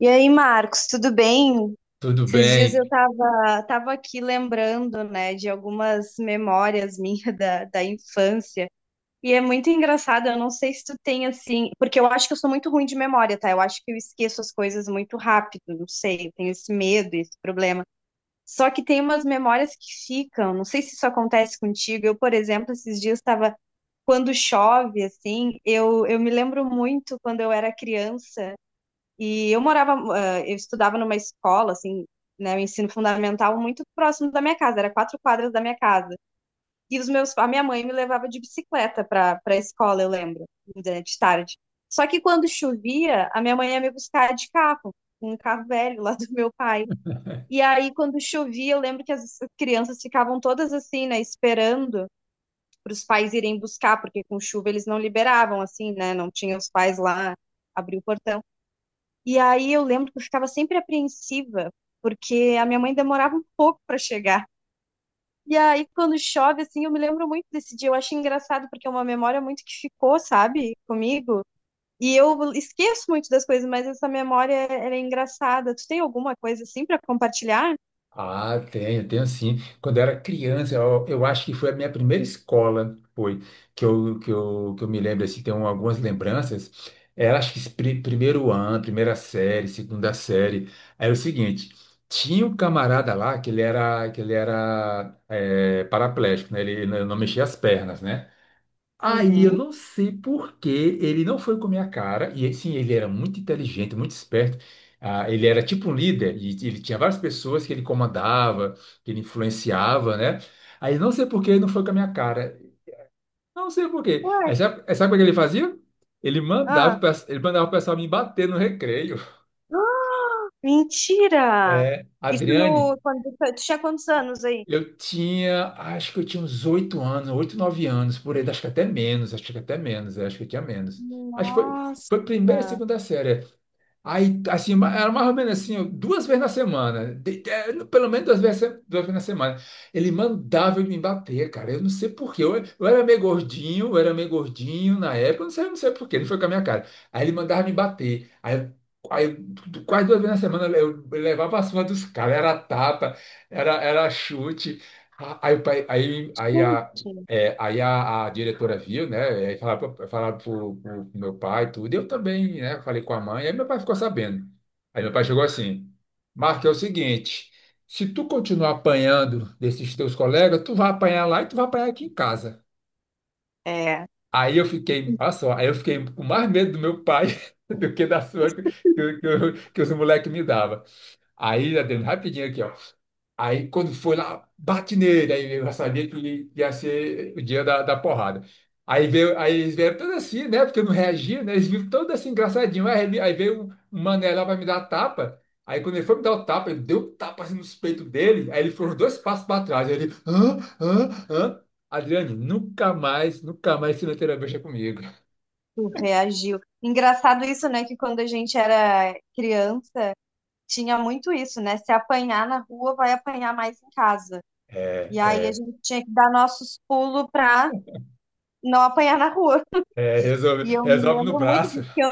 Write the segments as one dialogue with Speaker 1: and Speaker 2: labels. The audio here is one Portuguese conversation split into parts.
Speaker 1: E aí, Marcos, tudo bem?
Speaker 2: Tudo
Speaker 1: Esses dias eu
Speaker 2: bem?
Speaker 1: tava aqui lembrando, né, de algumas memórias minhas da infância. E é muito engraçado, eu não sei se tu tem assim, porque eu acho que eu sou muito ruim de memória, tá? Eu acho que eu esqueço as coisas muito rápido, não sei, eu tenho esse medo, esse problema. Só que tem umas memórias que ficam, não sei se isso acontece contigo. Eu, por exemplo, esses dias estava quando chove, assim, eu me lembro muito quando eu era criança. E eu morava, eu estudava numa escola, assim, né, o ensino fundamental muito próximo da minha casa, era quatro quadras da minha casa. E os meus, a minha mãe me levava de bicicleta para a escola, eu lembro, de tarde. Só que quando chovia, a minha mãe ia me buscar de carro, um carro velho lá do meu pai. E aí, quando chovia, eu lembro que as crianças ficavam todas assim, né, esperando para os pais irem buscar, porque com chuva eles não liberavam, assim, né, não tinha os pais lá abrir o portão. E aí eu lembro que eu ficava sempre apreensiva, porque a minha mãe demorava um pouco para chegar. E aí quando chove, assim, eu me lembro muito desse dia. Eu acho engraçado, porque é uma memória muito que ficou, sabe, comigo. E eu esqueço muito das coisas, mas essa memória era engraçada. Tu tem alguma coisa assim para compartilhar?
Speaker 2: Ah, tenho, tenho sim. Quando eu era criança, eu acho que foi a minha primeira escola, foi, que eu me lembro, assim, tenho algumas lembranças. Era, acho que, primeiro ano, primeira série, segunda série. Era o seguinte, tinha um camarada lá que ele era paraplégico, né? Ele não mexia as pernas, né? Aí eu
Speaker 1: Uhum.
Speaker 2: não sei por que ele não foi com a minha cara, e sim, ele era muito inteligente, muito esperto. Ah, ele era tipo um líder, e ele tinha várias pessoas que ele comandava, que ele influenciava, né? Aí não sei por que ele não foi com a minha cara. Não sei por quê.
Speaker 1: Ué,
Speaker 2: Aí sabe, sabe como é que ele fazia? Ele mandava,
Speaker 1: ah,
Speaker 2: ele mandava o pessoal me bater no recreio.
Speaker 1: mentira!
Speaker 2: É,
Speaker 1: Isso
Speaker 2: Adriane,
Speaker 1: no, quando, tu tinha quantos anos aí?
Speaker 2: eu tinha, acho que eu tinha uns oito anos, oito, nove anos, por aí, acho que até menos, acho que até menos, é, acho que eu tinha menos. Acho que foi,
Speaker 1: Nossa.
Speaker 2: foi primeira, segunda série. Aí, assim, era mais ou menos assim, ó, duas vezes na semana, pelo menos duas vezes na semana. Ele mandava eu me bater, cara. Eu não sei por quê. Eu era meio gordinho, eu era meio gordinho na época, eu não sei por quê, ele foi com a minha cara. Aí ele mandava me bater. Aí, quase duas vezes na semana eu levava a surra dos caras, era tapa, era chute. A- Aí, o pai- aí, aí,
Speaker 1: Gente.
Speaker 2: é, aí a diretora viu, né? E aí falaram, falaram pro, pro meu pai e tudo. E eu também, né? Falei com a mãe. Aí meu pai ficou sabendo. Aí meu pai chegou assim: Marco, é o seguinte: se tu continuar apanhando desses teus colegas, tu vai apanhar lá e tu vai apanhar aqui em casa.
Speaker 1: É.
Speaker 2: Aí eu fiquei, olha só, aí eu fiquei com mais medo do meu pai do que da sua que os moleques me davam. Aí, Adriano, rapidinho aqui, ó. Aí, quando foi lá, bate nele. Aí eu já sabia que ia ser o dia da, da porrada. Aí eles vieram todos assim, né? Porque eu não reagia, né? Eles viram todos assim, engraçadinho. Aí veio um mané lá pra me dar tapa. Aí, quando ele foi me dar o tapa, ele deu um tapa assim nos peitos dele. Aí, ele foi uns dois passos pra trás. Aí, ele, hã, hã, hã. Adriane, nunca mais, nunca mais se meter a bicha comigo.
Speaker 1: Tu reagiu. Engraçado isso, né? Que quando a gente era criança, tinha muito isso, né? Se apanhar na rua, vai apanhar mais em casa.
Speaker 2: É,
Speaker 1: E aí a
Speaker 2: é,
Speaker 1: gente tinha que dar nossos pulos pra não apanhar na rua.
Speaker 2: é, resolve,
Speaker 1: E eu me
Speaker 2: resolve no
Speaker 1: lembro muito
Speaker 2: braço.
Speaker 1: disso. Que eu,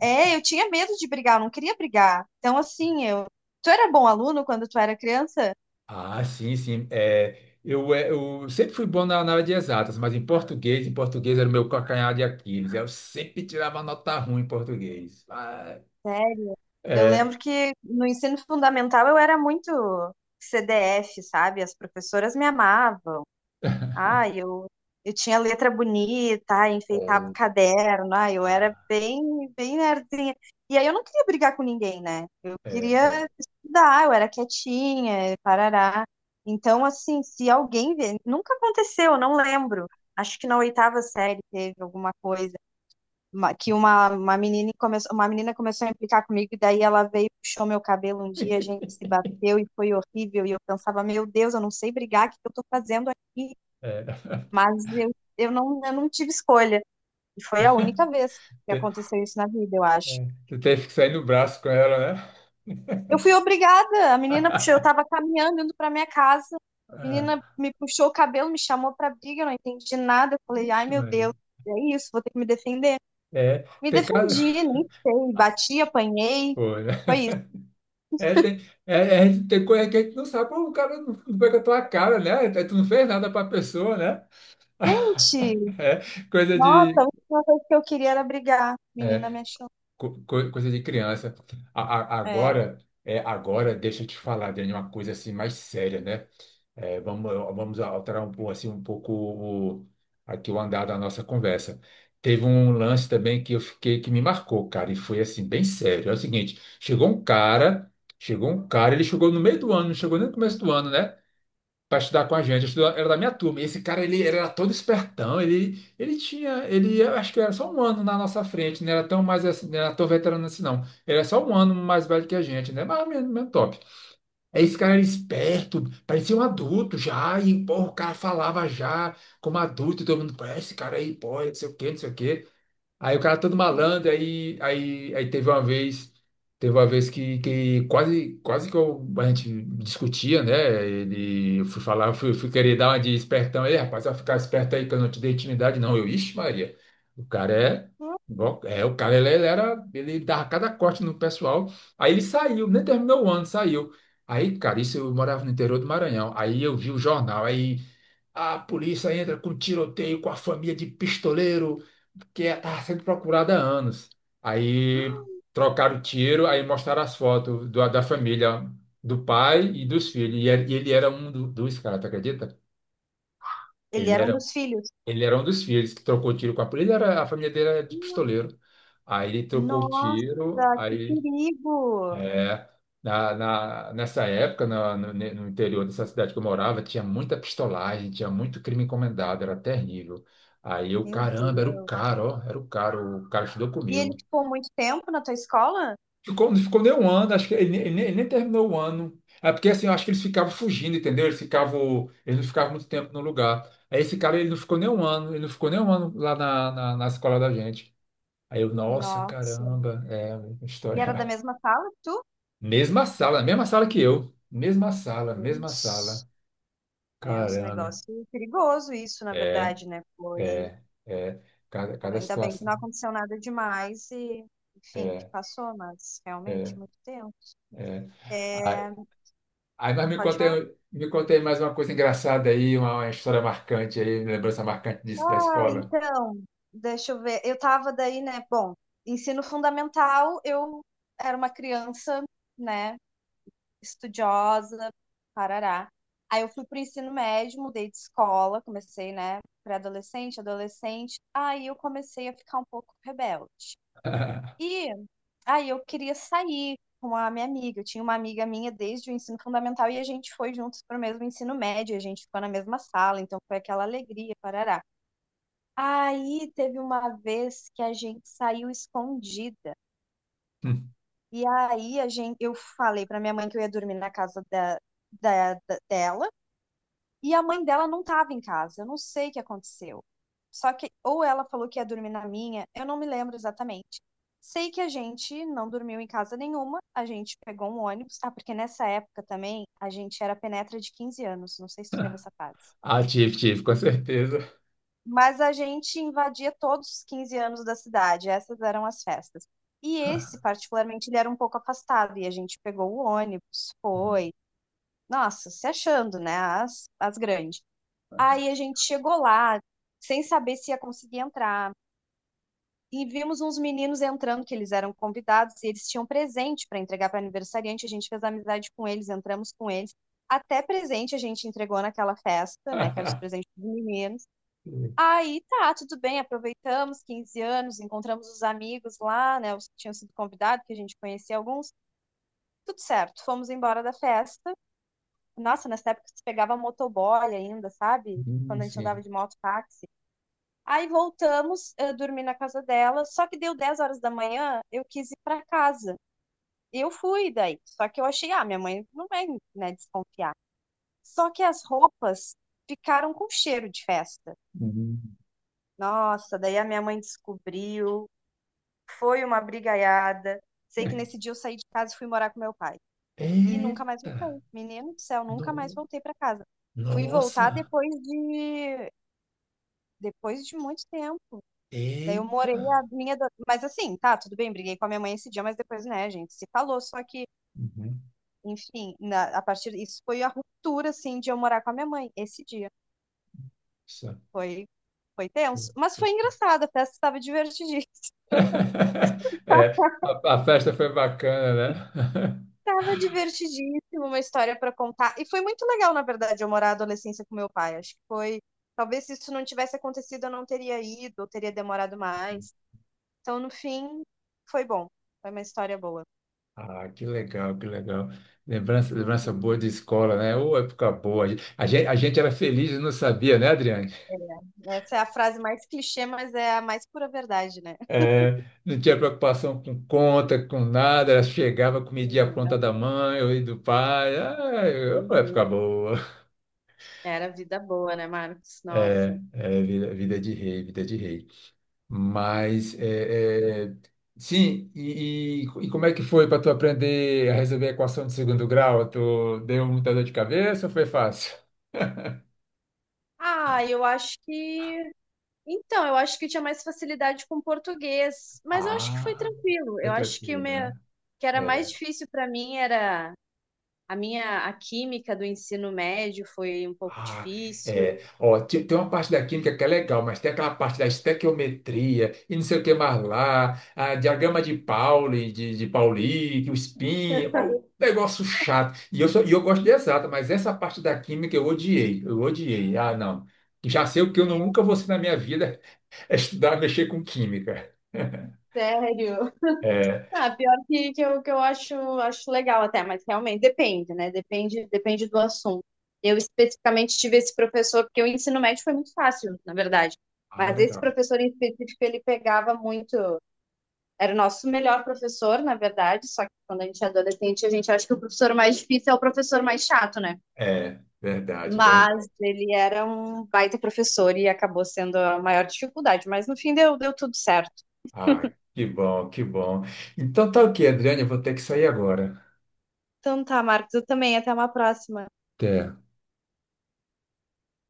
Speaker 1: é, eu tinha medo de brigar, eu não queria brigar. Então, assim, eu. Tu era bom aluno quando tu era criança?
Speaker 2: Ah, sim, sim. Eu sempre fui bom na, na área de exatas, mas em português era o meu calcanhar de Aquiles. Eu sempre tirava nota ruim em português. Ah,
Speaker 1: Sério? Eu
Speaker 2: é.
Speaker 1: lembro que no ensino fundamental eu era muito CDF, sabe? As professoras me amavam. Ah eu tinha letra bonita, ah, enfeitava o
Speaker 2: Ou,
Speaker 1: caderno, ah eu era
Speaker 2: ah,
Speaker 1: bem, bem nerdzinha. E aí eu não queria brigar com ninguém, né? Eu
Speaker 2: é,
Speaker 1: queria
Speaker 2: é.
Speaker 1: estudar, eu era quietinha, parará. Então, assim, se alguém vê, nunca aconteceu, eu não lembro. Acho que na oitava série teve alguma coisa uma menina começou a implicar comigo e daí ela veio, puxou meu cabelo um dia, a gente se bateu e foi horrível e eu pensava, meu Deus, eu não sei brigar, o que que eu tô fazendo aqui?
Speaker 2: É.
Speaker 1: Mas eu, eu não tive escolha. E foi a única vez que
Speaker 2: Te-
Speaker 1: aconteceu isso na vida, eu acho.
Speaker 2: é. Tu teve que sair no braço com ela, né?
Speaker 1: Eu fui obrigada. A menina puxou, eu tava caminhando, indo pra minha casa. A menina
Speaker 2: É.
Speaker 1: me puxou o cabelo, me chamou pra briga, eu não entendi nada. Eu falei, ai
Speaker 2: Vixe,
Speaker 1: meu
Speaker 2: Maria.
Speaker 1: Deus, é isso, vou ter que me defender.
Speaker 2: É,
Speaker 1: Me
Speaker 2: tem cara.
Speaker 1: defendi, nem sei.
Speaker 2: Ah,
Speaker 1: Bati, apanhei.
Speaker 2: pô, né?
Speaker 1: Foi isso.
Speaker 2: É, tem, é, tem coisa que a gente não sabe, pô, o cara não, não pega a tua cara, né? Tu não fez nada pra pessoa, né?
Speaker 1: Gente,
Speaker 2: É, coisa
Speaker 1: nossa, a
Speaker 2: de,
Speaker 1: última coisa que eu queria era brigar. A
Speaker 2: é,
Speaker 1: menina me achou.
Speaker 2: coisa de criança.
Speaker 1: É.
Speaker 2: Agora, é, agora deixa eu te falar, Dani, uma coisa assim mais séria, né? É, vamos, vamos alterar um pouco assim um pouco aqui o andar da nossa conversa. Teve um lance também que eu fiquei que me marcou, cara, e foi assim bem sério. É o seguinte, chegou um cara, ele chegou no meio do ano, não chegou nem no começo do ano, né? para estudar com a gente. Era da minha turma. E esse cara, ele, era todo espertão. Ele, eu acho que era só um ano na nossa frente. Não era tão mais, não era tão veterano assim, não. Ele era só um ano mais velho que a gente, né? Mas mesmo, mesmo top. Aí esse cara era esperto, parecia um adulto já. E, pô, o cara falava já como adulto. E todo mundo, pô, esse cara aí, pô, não sei o quê, não sei o quê. Aí o cara todo malandro, aí teve uma vez que quase, quase que a gente discutia, né? Ele, eu fui falar, eu fui querer dar uma de espertão, ei, rapaz, vai ficar esperto aí que eu não te dei intimidade, não. Eu, ixi, Maria, o cara é, igual- é, o cara ele, ele dava cada corte no pessoal. Aí ele saiu, nem terminou o ano, saiu. Aí, cara, isso eu morava no interior do Maranhão. Aí eu vi o jornal, aí a polícia entra com tiroteio com a família de pistoleiro que está sendo procurada há anos. Aí trocaram o tiro, aí mostraram as fotos da família, do pai e dos filhos. E ele era um dos caras, tu acredita?
Speaker 1: Ele
Speaker 2: Ele
Speaker 1: era um
Speaker 2: era,
Speaker 1: dos filhos.
Speaker 2: ele era um dos filhos que trocou tiro com a polícia. Ele era, a família dele era de pistoleiro. Aí ele trocou o tiro,
Speaker 1: Nossa, que
Speaker 2: aí
Speaker 1: perigo!
Speaker 2: é, nessa época, no interior dessa cidade que eu morava, tinha muita pistolagem, tinha muito crime encomendado, era terrível. Aí eu,
Speaker 1: Meu
Speaker 2: caramba, era o
Speaker 1: Deus.
Speaker 2: cara, ó, era o cara estudou
Speaker 1: E
Speaker 2: comigo.
Speaker 1: ele ficou muito tempo na tua escola?
Speaker 2: Ficou, ficou nem um ano, acho que ele, ele nem terminou o ano. É porque assim, eu acho que eles ficavam fugindo, entendeu? Eles ficavam, eles não ficavam muito tempo no lugar. Aí esse cara, ele não ficou nem um ano, ele não ficou nem um ano lá na escola da gente. Aí eu, nossa,
Speaker 1: Nossa.
Speaker 2: caramba, é uma
Speaker 1: E era da
Speaker 2: história.
Speaker 1: mesma sala que tu?
Speaker 2: Mesma sala que eu. Mesma sala, mesma
Speaker 1: Ixi,
Speaker 2: sala.
Speaker 1: é um
Speaker 2: Caramba.
Speaker 1: negócio perigoso isso, na
Speaker 2: É,
Speaker 1: verdade, né? Foi.
Speaker 2: é. Cada,
Speaker 1: Cara,
Speaker 2: cada
Speaker 1: ainda bem que não
Speaker 2: situação.
Speaker 1: aconteceu nada demais e, enfim, que
Speaker 2: É,
Speaker 1: passou, mas
Speaker 2: é,
Speaker 1: realmente muito tempo. É,
Speaker 2: é. Aí,
Speaker 1: pode falar?
Speaker 2: me contei mais uma coisa engraçada aí, uma história marcante aí, lembrança marcante disso da
Speaker 1: Ah,
Speaker 2: escola.
Speaker 1: então, deixa eu ver. Eu tava daí, né? Bom, ensino fundamental, eu era uma criança, né? Estudiosa, parará. Aí eu fui pro ensino médio, mudei de escola, comecei, né, pré-adolescente, adolescente. Aí eu comecei a ficar um pouco rebelde. E aí eu queria sair com a minha amiga. Eu tinha uma amiga minha desde o ensino fundamental e a gente foi juntos pro mesmo ensino médio, a gente ficou na mesma sala, então foi aquela alegria, parará. Aí teve uma vez que a gente saiu escondida.
Speaker 2: Hum.
Speaker 1: E aí a gente, eu falei pra minha mãe que eu ia dormir na casa dela. E a mãe dela não estava em casa, eu não sei o que aconteceu. Só que, ou ela falou que ia dormir na minha, eu não me lembro exatamente. Sei que a gente não dormiu em casa nenhuma, a gente pegou um ônibus. Ah, porque nessa época também a gente era penetra de 15 anos, não sei se tu teve essa fase.
Speaker 2: Ah, tive, tive, com certeza.
Speaker 1: Mas a gente invadia todos os 15 anos da cidade, essas eram as festas. E esse, particularmente, ele era um pouco afastado, e a gente pegou o ônibus,
Speaker 2: Hum.
Speaker 1: foi. Nossa, se achando, né? As grandes. Aí a gente chegou lá, sem saber se ia conseguir entrar. E vimos uns meninos entrando, que eles eram convidados, e eles tinham presente para entregar para aniversariante. A gente fez amizade com eles, entramos com eles. Até presente a gente entregou naquela festa, né? Que era os presentes dos meninos. Aí tá, tudo bem, aproveitamos 15 anos, encontramos os amigos lá, né? Os que tinham sido convidados, que a gente conhecia alguns. Tudo certo, fomos embora da festa. Nossa, nessa época se pegava motoboy ainda, sabe? Quando a gente andava
Speaker 2: Sim.
Speaker 1: de moto táxi. Aí voltamos, eu dormi na casa dela, só que deu 10 horas da manhã, eu quis ir para casa. Eu fui daí, só que eu achei, ah, minha mãe não vai, né, desconfiar. Só que as roupas ficaram com cheiro de festa.
Speaker 2: Hum.
Speaker 1: Nossa, daí a minha mãe descobriu, foi uma brigaiada. Sei que nesse dia eu saí de casa e fui morar com meu pai. E nunca mais
Speaker 2: Eita!
Speaker 1: voltei. Menino do céu, nunca mais
Speaker 2: No,
Speaker 1: voltei para casa. Fui voltar
Speaker 2: nossa!
Speaker 1: depois de muito tempo. Daí eu morei
Speaker 2: Eita!
Speaker 1: a minha. Ado- mas assim, tá, tudo bem, briguei com a minha mãe esse dia, mas depois, né, gente, se falou. Só que,
Speaker 2: Uhum.
Speaker 1: enfim, na- a partir. Isso foi a ruptura, assim, de eu morar com a minha mãe esse dia.
Speaker 2: Isso.
Speaker 1: Foi, foi tenso. Mas foi engraçado, a festa estava divertidíssima.
Speaker 2: É, a festa foi bacana, né?
Speaker 1: Estava divertidíssima, uma história para contar. E foi muito legal, na verdade, eu morar a adolescência com meu pai. Acho que foi. Talvez se isso não tivesse acontecido, eu não teria ido, ou teria demorado mais. Então, no fim, foi bom. Foi uma história boa.
Speaker 2: Ah, que legal, que legal. Lembrança, lembrança
Speaker 1: Uhum.
Speaker 2: boa de escola, né? Ô, época boa. A gente era feliz e não sabia, né, Adriane?
Speaker 1: É, essa é a frase mais clichê, mas é a mais pura verdade, né?
Speaker 2: É, não tinha preocupação com conta, com nada. Ela chegava, comidinha pronta
Speaker 1: É,
Speaker 2: da mãe ou do pai. Ah, ô, época
Speaker 1: uhum.
Speaker 2: boa.
Speaker 1: Era vida boa, né, Marcos? Nossa.
Speaker 2: É, vida, vida de rei, vida de rei. Mas como é que foi para tu aprender a resolver a equação de segundo grau? Tu deu muita dor de cabeça ou foi fácil?
Speaker 1: Ah, eu acho que. Então, eu acho que eu tinha mais facilidade com português, mas eu acho que foi
Speaker 2: Ah.
Speaker 1: tranquilo.
Speaker 2: É
Speaker 1: Eu acho que o
Speaker 2: tranquilo,
Speaker 1: meu...
Speaker 2: né?
Speaker 1: que era mais
Speaker 2: É.
Speaker 1: difícil para mim era a minha a química do ensino médio foi um pouco
Speaker 2: Ah, é.
Speaker 1: difícil.
Speaker 2: Ó, tem uma parte da química que é legal, mas tem aquela parte da estequiometria e não sei o que mais lá, a diagrama de Pauli, de Pauli, o spin, ó, um negócio chato. E eu gosto de exata, mas essa parte da química eu odiei, eu odiei. Ah, não. Já sei o que eu nunca vou ser na minha vida, é estudar, mexer com química.
Speaker 1: Sério?
Speaker 2: É.
Speaker 1: Ah, pior eu, que eu acho, acho legal até, mas realmente depende, né? Depende do assunto. Eu especificamente tive esse professor, porque o ensino médio foi muito fácil, na verdade.
Speaker 2: Ah,
Speaker 1: Mas esse
Speaker 2: legal.
Speaker 1: professor em específico, ele pegava muito. Era o nosso melhor professor, na verdade, só que quando a gente é adolescente, a gente acha que o professor mais difícil é o professor mais chato, né?
Speaker 2: É, verdade, verdade.
Speaker 1: Mas ele era um baita professor e acabou sendo a maior dificuldade. Mas no fim deu tudo certo.
Speaker 2: Ah, que bom, que bom. Então tá ok, Adriane, eu vou ter que sair agora.
Speaker 1: Então tá, Marcos, eu também. Até uma próxima.
Speaker 2: Até.